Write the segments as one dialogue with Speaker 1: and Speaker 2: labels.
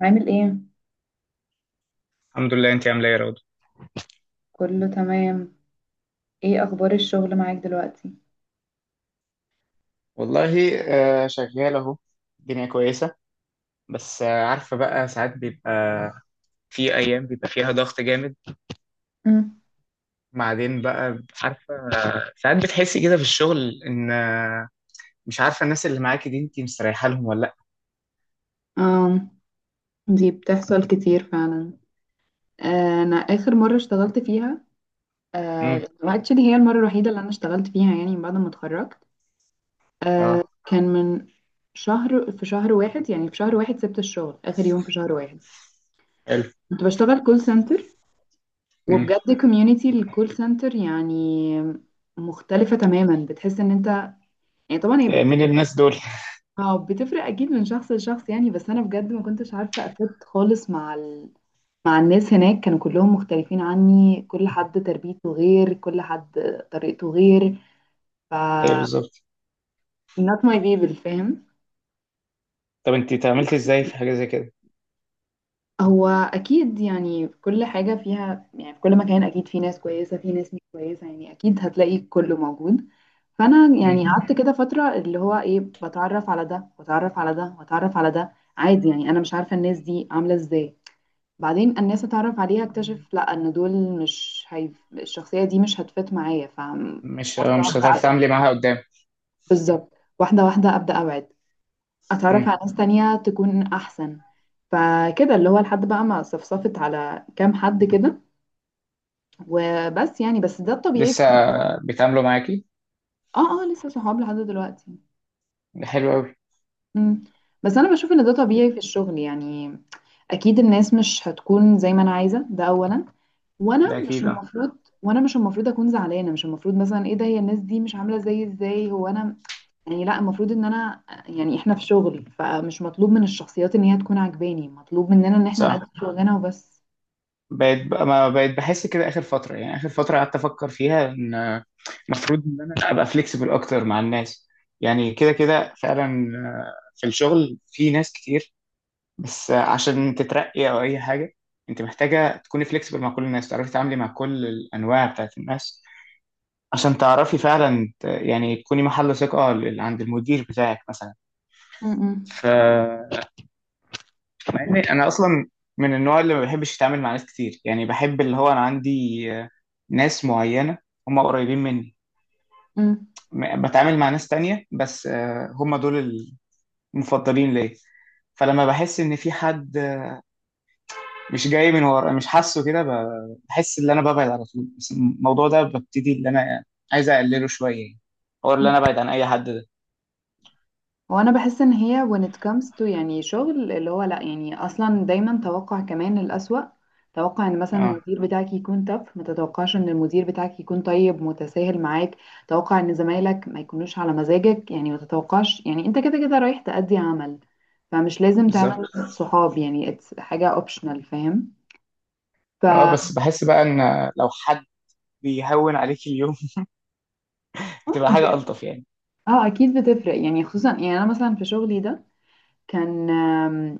Speaker 1: عامل ايه؟
Speaker 2: الحمد لله، انت عامله ايه يا رضوى؟
Speaker 1: كله تمام. ايه اخبار الشغل معاك دلوقتي؟
Speaker 2: والله. شغال اهو. الدنيا كويسة. بس عارفة بقى ساعات بيبقى في جامد.
Speaker 1: مم.
Speaker 2: بعدين بقى ساعات بتحسي كده في الشغل ان مش عارفة الناس اللي معاكي دي انتي مستريحة لهم ولا لا.
Speaker 1: آم، دي بتحصل كتير فعلا. انا اخر مره اشتغلت فيها،
Speaker 2: امم
Speaker 1: اكشلي هي المره الوحيده اللي انا اشتغلت فيها يعني بعد ما اتخرجت.
Speaker 2: اه.
Speaker 1: كان من شهر، في شهر واحد، يعني في شهر واحد سبت الشغل اخر يوم في شهر واحد.
Speaker 2: حلو.
Speaker 1: كنت بشتغل كول سنتر،
Speaker 2: امم
Speaker 1: وبجد كوميونتي الكول سنتر يعني مختلفه تماما. بتحس ان انت يعني طبعا هي
Speaker 2: مين الناس دول؟
Speaker 1: اه بتفرق اكيد من شخص لشخص يعني، بس انا بجد ما كنتش عارفه افت خالص مع مع الناس هناك. كانوا كلهم مختلفين عني، كل حد تربيته غير، كل حد طريقته غير. ف
Speaker 2: ايه بالظبط.
Speaker 1: not my people، فاهم؟
Speaker 2: طب انتي تعاملتي ازاي في حاجة زي كده؟
Speaker 1: هو اكيد يعني في كل حاجه فيها، يعني في كل مكان اكيد في ناس كويسه، في ناس مش كويسه، يعني اكيد هتلاقي كله موجود. فانا يعني
Speaker 2: امم.
Speaker 1: قعدت كده فتره اللي هو ايه، بتعرف على ده واتعرف على ده واتعرف على ده عادي، يعني انا مش عارفه الناس دي عامله ازاي. بعدين الناس اتعرف عليها اكتشف لا، ان دول مش هيف... الشخصيه دي مش هتفت معايا، فابدا
Speaker 2: مش مش هتعرفي
Speaker 1: ابعد.
Speaker 2: تتعاملي معاها قدام.
Speaker 1: بالظبط. واحده واحده، ابدا ابعد، اتعرف على
Speaker 2: امم.
Speaker 1: ناس تانية تكون احسن. فكده اللي هو لحد بقى ما صفصفت على كام حد كده، وبس. يعني بس ده الطبيعي
Speaker 2: لسه
Speaker 1: في.
Speaker 2: بيتعاملوا معاكي؟
Speaker 1: اه، اه، لسه صحاب لحد دلوقتي.
Speaker 2: ده حلو قوي.
Speaker 1: مم. بس انا بشوف ان ده طبيعي في الشغل، يعني اكيد الناس مش هتكون زي ما انا عايزه، ده اولا. وانا
Speaker 2: ده
Speaker 1: مش
Speaker 2: اكيد اه.
Speaker 1: المفروض، وانا مش المفروض اكون زعلانه، مش المفروض مثلا ايه ده، هي الناس دي مش عامله زي، ازاي هو انا يعني. لا، المفروض ان انا يعني احنا في شغل، فمش مطلوب من الشخصيات ان هي تكون عجباني، مطلوب مننا ان احنا
Speaker 2: صح.
Speaker 1: نقدم شغلنا وبس.
Speaker 2: بقيت بقى ما بقيت بحس كده اخر فتره، يعني اخر فتره قعدت افكر فيها ان المفروض ان انا ابقى فليكسبل اكتر مع الناس. يعني كده كده فعلا. في الشغل في ناس كتير. بس عشان تترقي او اي حاجه انت محتاجه تكوني فليكسبل مع كل الناس، تعرفي تتعاملي مع كل الانواع بتاعت الناس، عشان تعرفي فعلا يعني تكوني محل ثقه عند المدير بتاعك مثلا.
Speaker 1: م.
Speaker 2: ف مع اني
Speaker 1: يعني
Speaker 2: انا اصلا من النوع اللي ما بحبش اتعامل مع ناس كتير، يعني بحب اللي هو انا عندي آه، ناس معينة هم قريبين مني.
Speaker 1: م.
Speaker 2: بتعامل مع ناس تانية بس هم دول المفضلين ليا. فلما بحس ان في حد مش جاي من ورا، مش حاسه كده، بحس ان انا ببعد على طول، بس الموضوع ده ببتدي ان انا عايز اقلله شوية يعني. هو
Speaker 1: م.
Speaker 2: اللي انا ابعد عن اي حد ده.
Speaker 1: هو انا بحس ان هي when it comes to يعني شغل، اللي هو لا، يعني اصلا دايما توقع كمان الأسوأ. توقع ان مثلا
Speaker 2: اه
Speaker 1: المدير بتاعك يكون تف، ما تتوقعش ان المدير بتاعك يكون طيب متساهل معاك. توقع ان زمايلك ما يكونوش على مزاجك، يعني ما تتوقعش، يعني انت كده كده رايح تأدي عمل، فمش لازم
Speaker 2: بالظبط.
Speaker 1: تعمل صحاب، يعني it's حاجة optional، فاهم؟ ف
Speaker 2: اه
Speaker 1: اه.
Speaker 2: بس بحس بقى ان لو حد بيهون عليك اليوم بتبقى
Speaker 1: دي-
Speaker 2: حاجة ألطف يعني.
Speaker 1: اكيد بتفرق يعني، خصوصا يعني انا مثلا في شغلي ده كان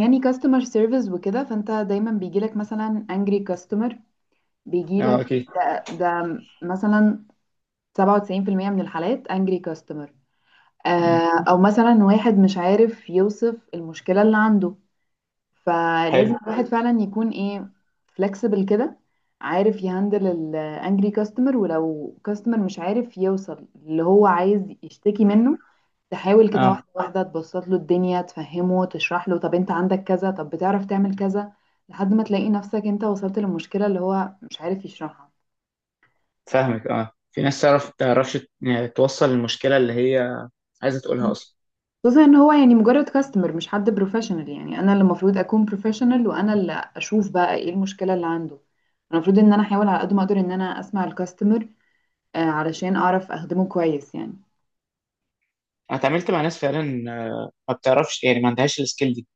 Speaker 1: يعني كاستمر سيرفيس وكده، فانت دايما بيجيلك مثلا انجري كاستمر، بيجيلك
Speaker 2: اه اكيد.
Speaker 1: ده مثلا 97% من الحالات انجري كاستمر. آه او مثلا واحد مش عارف يوصف المشكلة اللي عنده، فلازم
Speaker 2: حلو.
Speaker 1: الواحد فعلا يكون ايه، فلكسبل كده، عارف يهندل الانجري كاستمر. ولو كاستمر مش عارف يوصل اللي هو عايز يشتكي منه، تحاول كده
Speaker 2: اه
Speaker 1: واحدة واحدة تبسط له الدنيا، تفهمه، تشرح له طب انت عندك كذا، طب بتعرف تعمل كذا، لحد ما تلاقي نفسك انت وصلت للمشكلة اللي هو مش عارف يشرحها.
Speaker 2: فاهمك. اه في ناس تعرف تعرفش يعني توصل المشكله اللي هي عايزه تقولها اصلا.
Speaker 1: خصوصا ان هو يعني مجرد كاستمر، مش حد بروفيشنال، يعني انا اللي المفروض اكون بروفيشنال، وانا اللي اشوف بقى ايه المشكلة اللي عنده. المفروض ان انا احاول على قد ما اقدر ان انا اسمع الكاستمر، علشان اعرف اخدمه كويس يعني.
Speaker 2: انا اتعاملت مع ناس فعلا آه، ما بتعرفش، يعني ما عندهاش السكيل دي.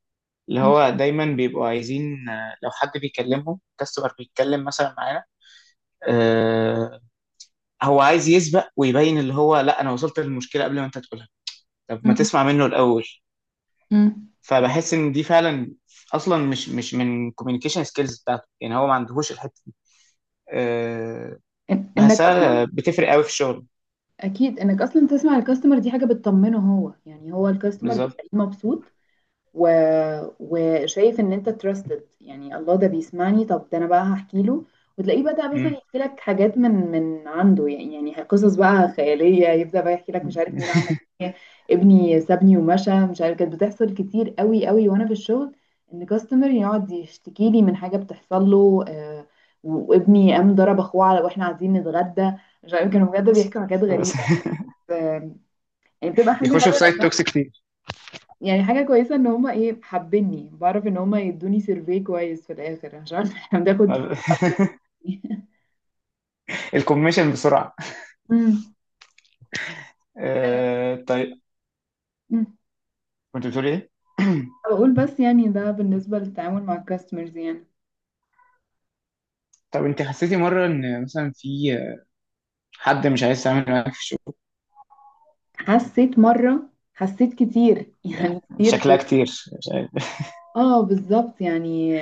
Speaker 2: اللي
Speaker 1: مم.
Speaker 2: هو دايما بيبقوا عايزين لو حد بيكلمهم كاستمر بيتكلم مثلا معانا. آه. هو عايز يسبق ويبين اللي هو لا انا وصلت للمشكله قبل ما انت تقولها. طب ما
Speaker 1: مم.
Speaker 2: تسمع منه الاول.
Speaker 1: مم.
Speaker 2: فبحس ان دي فعلا اصلا مش من كوميونيكيشن سكيلز بتاعته، يعني هو ما عندهوش الحته دي. آه.
Speaker 1: انك
Speaker 2: بحسها
Speaker 1: اصلا
Speaker 2: بتفرق قوي في الشغل.
Speaker 1: اكيد انك اصلا تسمع الكاستمر دي حاجة بتطمنه هو، يعني هو الكاستمر
Speaker 2: بالظبط.
Speaker 1: بتلاقيه مبسوط، و... وشايف ان انت تراستد، يعني الله ده بيسمعني، طب ده انا بقى هحكي له. وتلاقيه بدأ مثلا
Speaker 2: مم.
Speaker 1: يحكي لك حاجات من عنده يعني، يعني قصص بقى خيالية، يبدأ بقى يحكي لك مش عارف مين عمل ايه، ابني سابني ومشى، مش عارف. كانت بتحصل كتير قوي قوي وانا في الشغل، ان كاستمر يقعد يشتكي لي من حاجة بتحصل له، وابني قام ضرب اخوه على واحنا قاعدين نتغدى، مش عارف، كانوا بجد بيحكوا حاجات
Speaker 2: بس
Speaker 1: غريبة بس، آه، يعني بتبقى حاجة
Speaker 2: بيخشوا
Speaker 1: حلوة
Speaker 2: في سايت
Speaker 1: لأنها
Speaker 2: توكس كتير.
Speaker 1: يعني حاجة كويسة ان هما ايه حابيني، بعرف ان هما يدوني سيرفي كويس في الاخر، عشان احنا بناخد
Speaker 2: ما
Speaker 1: فلوس على
Speaker 2: ب-
Speaker 1: السيرفي.
Speaker 2: الكوميشن بسرعة.
Speaker 1: أمم.
Speaker 2: طيب.
Speaker 1: أمم.
Speaker 2: كنت بتقولي ايه؟
Speaker 1: بقول بس يعني ده بالنسبة للتعامل مع الكاستمرز يعني.
Speaker 2: طب انت حسيتي مرة ان مثلا في حد مش عايز تعمل معاك في الشغل؟
Speaker 1: حسيت مرة، حسيت كتير
Speaker 2: يعني
Speaker 1: يعني كتير
Speaker 2: شكلها
Speaker 1: في
Speaker 2: كتير. مش عارف.
Speaker 1: اه، بالظبط يعني.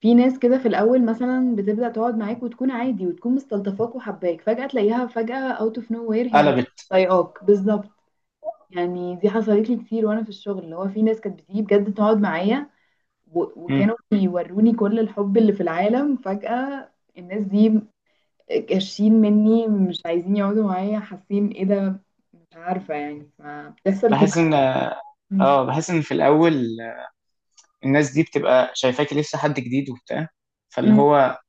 Speaker 1: في ناس كده في الاول مثلا بتبدأ تقعد معاك وتكون عادي وتكون مستلطفاك وحباك، فجأة تلاقيها فجأة اوت اوف نو وير هي مش
Speaker 2: قلبت.
Speaker 1: طايقاك بالظبط. يعني دي حصلت لي كتير وانا في الشغل، اللي هو في ناس كانت بتيجي بجد تقعد معايا
Speaker 2: مم.
Speaker 1: وكانوا بيوروني كل الحب اللي في العالم، فجأة الناس دي كاشين مني، مش عايزين يقعدوا معايا، حاسين ايه ده، مش عارفة يعني، فبتحصل كتير.
Speaker 2: بحس ان
Speaker 1: مم.
Speaker 2: اه، بحس ان في الاول الناس دي بتبقى شايفاكي لسه حد جديد وبتاع، فاللي
Speaker 1: مم.
Speaker 2: هو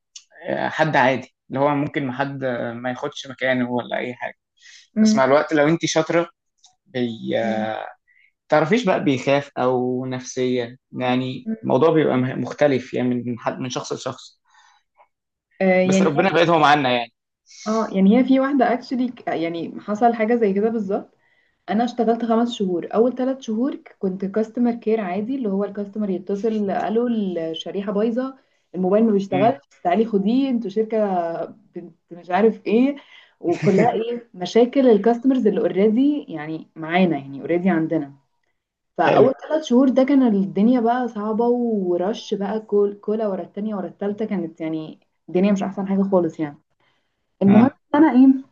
Speaker 2: حد عادي اللي هو ممكن ما حد ما ياخدش مكانه ولا اي حاجة. بس مع
Speaker 1: مم.
Speaker 2: الوقت لو انت شاطرة بي
Speaker 1: مم.
Speaker 2: تعرفيش بقى بيخاف او نفسيا، يعني
Speaker 1: مم.
Speaker 2: الموضوع بيبقى مختلف يعني من حد من شخص لشخص.
Speaker 1: آه
Speaker 2: بس
Speaker 1: يعني هي
Speaker 2: ربنا
Speaker 1: في
Speaker 2: بقيت هو معانا يعني.
Speaker 1: اه، يعني هي في واحدة اكشلي يعني حصل حاجة زي كده بالظبط. انا اشتغلت خمس شهور، اول ثلاث شهور كنت كاستمر كير عادي، اللي هو الكاستمر يتصل قالوا الشريحه بايظه، الموبايل ما بيشتغلش،
Speaker 2: امم.
Speaker 1: تعالي خديه انتوا شركه بنت مش عارف ايه، وكلها ايه مشاكل الكاستمرز اللي اوريدي يعني معانا، يعني اوريدي عندنا.
Speaker 2: حلو.
Speaker 1: فاول ثلاث شهور ده كان الدنيا بقى صعبه، ورش بقى كل كولا ورا التانيه ورا التالته، كانت يعني الدنيا مش احسن حاجه خالص يعني. المهم
Speaker 2: اه
Speaker 1: إن انا ايه،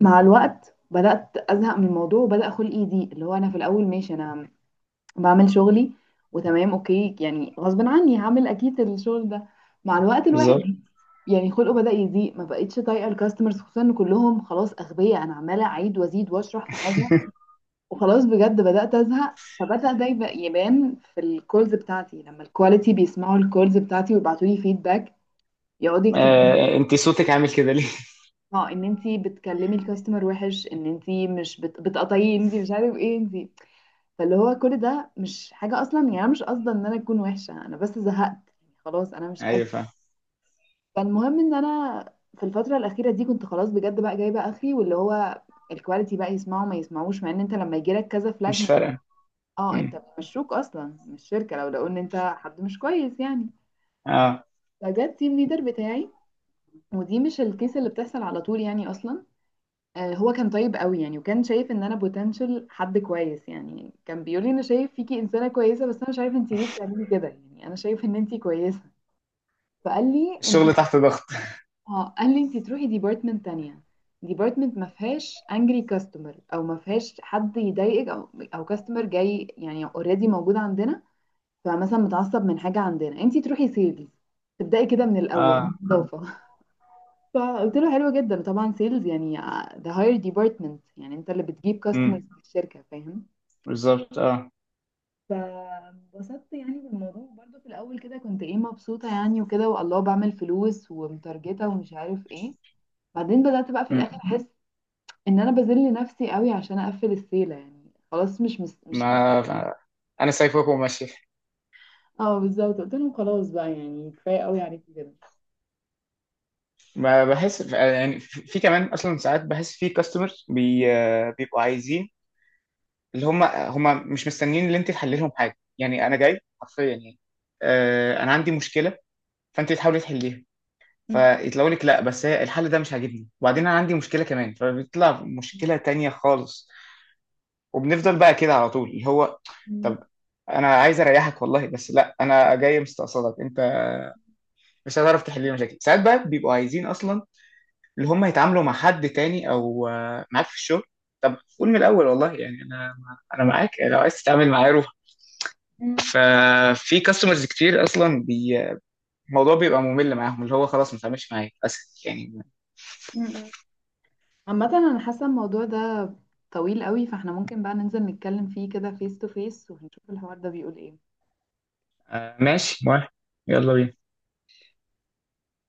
Speaker 1: مع الوقت بدأت أزهق من الموضوع، وبدأ خلقي يضيق، اللي هو أنا في الأول ماشي أنا بعمل شغلي وتمام أوكي، يعني غصب عني هعمل أكيد الشغل ده. مع الوقت الواحد
Speaker 2: بالظبط.
Speaker 1: يعني خلقه بدأ يضيق، ما بقتش طايقة الكاستمرز، خصوصا إن كلهم خلاص أغبياء، أنا عمالة أعيد وأزيد وأشرح في حاجة، وخلاص بجد بدأت أزهق. فبدأ ده يبان في الكولز بتاعتي، لما الكواليتي بيسمعوا الكولز بتاعتي ويبعتوا لي فيدباك، يقعدوا يكتبوا
Speaker 2: انت صوتك عامل كده ليه؟
Speaker 1: اه ان انتي بتكلمي الكاستمر وحش، ان انتي مش بتقطعيه، انتي مش عارف ايه انتي. فاللي هو كل ده مش حاجة أصلا، يعني أنا مش قصدي إن أنا أكون وحشة، أنا بس زهقت يعني خلاص، أنا مش
Speaker 2: ايوه
Speaker 1: قادرة.
Speaker 2: فاهم.
Speaker 1: فالمهم إن أنا في الفترة الأخيرة دي كنت خلاص بجد بقى جايبة آخري، واللي هو الكواليتي بقى يسمعوا ما يسمعوش، مع إن أنت لما يجيلك كذا فلاج،
Speaker 2: مش
Speaker 1: مش
Speaker 2: فارقه.
Speaker 1: اه،
Speaker 2: امم.
Speaker 1: أنت بيمشوك أصلا من الشركة لو لقوا إن أنت حد مش كويس يعني.
Speaker 2: اه
Speaker 1: فجت تيم ليدر بتاعي، ودي مش الكيس اللي بتحصل على طول يعني أصلا. هو كان طيب قوي يعني، وكان شايف ان انا بوتنشال حد كويس يعني، كان بيقول لي انا شايف فيكي انسانه كويسه، بس انا مش عارف انت ليه بتعملي كده، يعني انا شايف ان انت كويسه. فقال لي انت،
Speaker 2: الشغل تحت ضغط.
Speaker 1: اه قال لي انت تروحي ديبارتمنت تانية، ديبارتمنت ما فيهاش انجري كاستمر، او ما فيهاش حد يضايقك، او او كاستمر جاي يعني اوريدي موجود عندنا، فمثلا متعصب من حاجه عندنا، انت تروحي سيلز، تبداي كده من الاول.
Speaker 2: اه.
Speaker 1: فقلت له حلو جدا، وطبعا سيلز يعني ده هاير ديبارتمنت، يعني انت اللي بتجيب
Speaker 2: امم.
Speaker 1: كاستمرز في الشركه، فاهم؟
Speaker 2: بالظبط اه.
Speaker 1: فبسطت يعني بالموضوع برضه في الاول كده، كنت ايه مبسوطه يعني وكده، والله بعمل فلوس ومتارجته ومش عارف ايه. بعدين بدات بقى في
Speaker 2: امم.
Speaker 1: الاخر احس ان انا بذل نفسي قوي عشان اقفل السيله، يعني خلاص
Speaker 2: ما انا سايبك وماشي.
Speaker 1: اه بالظبط، قلت لهم خلاص بقى يعني، كفايه قوي عليكم كده.
Speaker 2: ما بحس يعني في كمان اصلا ساعات بحس في كاستمرز بي آه، بيبقوا عايزين اللي هم مش مستنيين ان انت تحلي لهم حاجه، يعني انا جاي حرفيا يعني. انا عندي مشكله فانت تحاولي تحليها،
Speaker 1: مم.
Speaker 2: فيطلعوا لك لا بس هي الحل ده مش عاجبني، وبعدين انا عندي مشكله كمان فبيطلع مشكله تانية خالص. وبنفضل بقى كده على طول اللي هو
Speaker 1: مم.
Speaker 2: طب، انا عايز اريحك والله بس لا، انا جاي مستقصدك انت مش هتعرف تحل لي مشاكل. ساعات بقى بيبقوا عايزين اصلا اللي هم يتعاملوا مع حد تاني او معاك في الشغل. طب قول من الاول والله. يعني انا انا معاك لو عايز تتعامل معايا روح.
Speaker 1: مم.
Speaker 2: ففي كاستمرز كتير اصلا الموضوع بيبقى ممل معاهم، اللي هو خلاص ما تعملش معايا اسف يعني.
Speaker 1: مم. عامة انا حاسة الموضوع ده طويل قوي، فاحنا ممكن بقى ننزل نتكلم فيه كده فيس تو فيس ونشوف الحوار ده بيقول ايه.
Speaker 2: آه ماشي موافق. يلا بينا.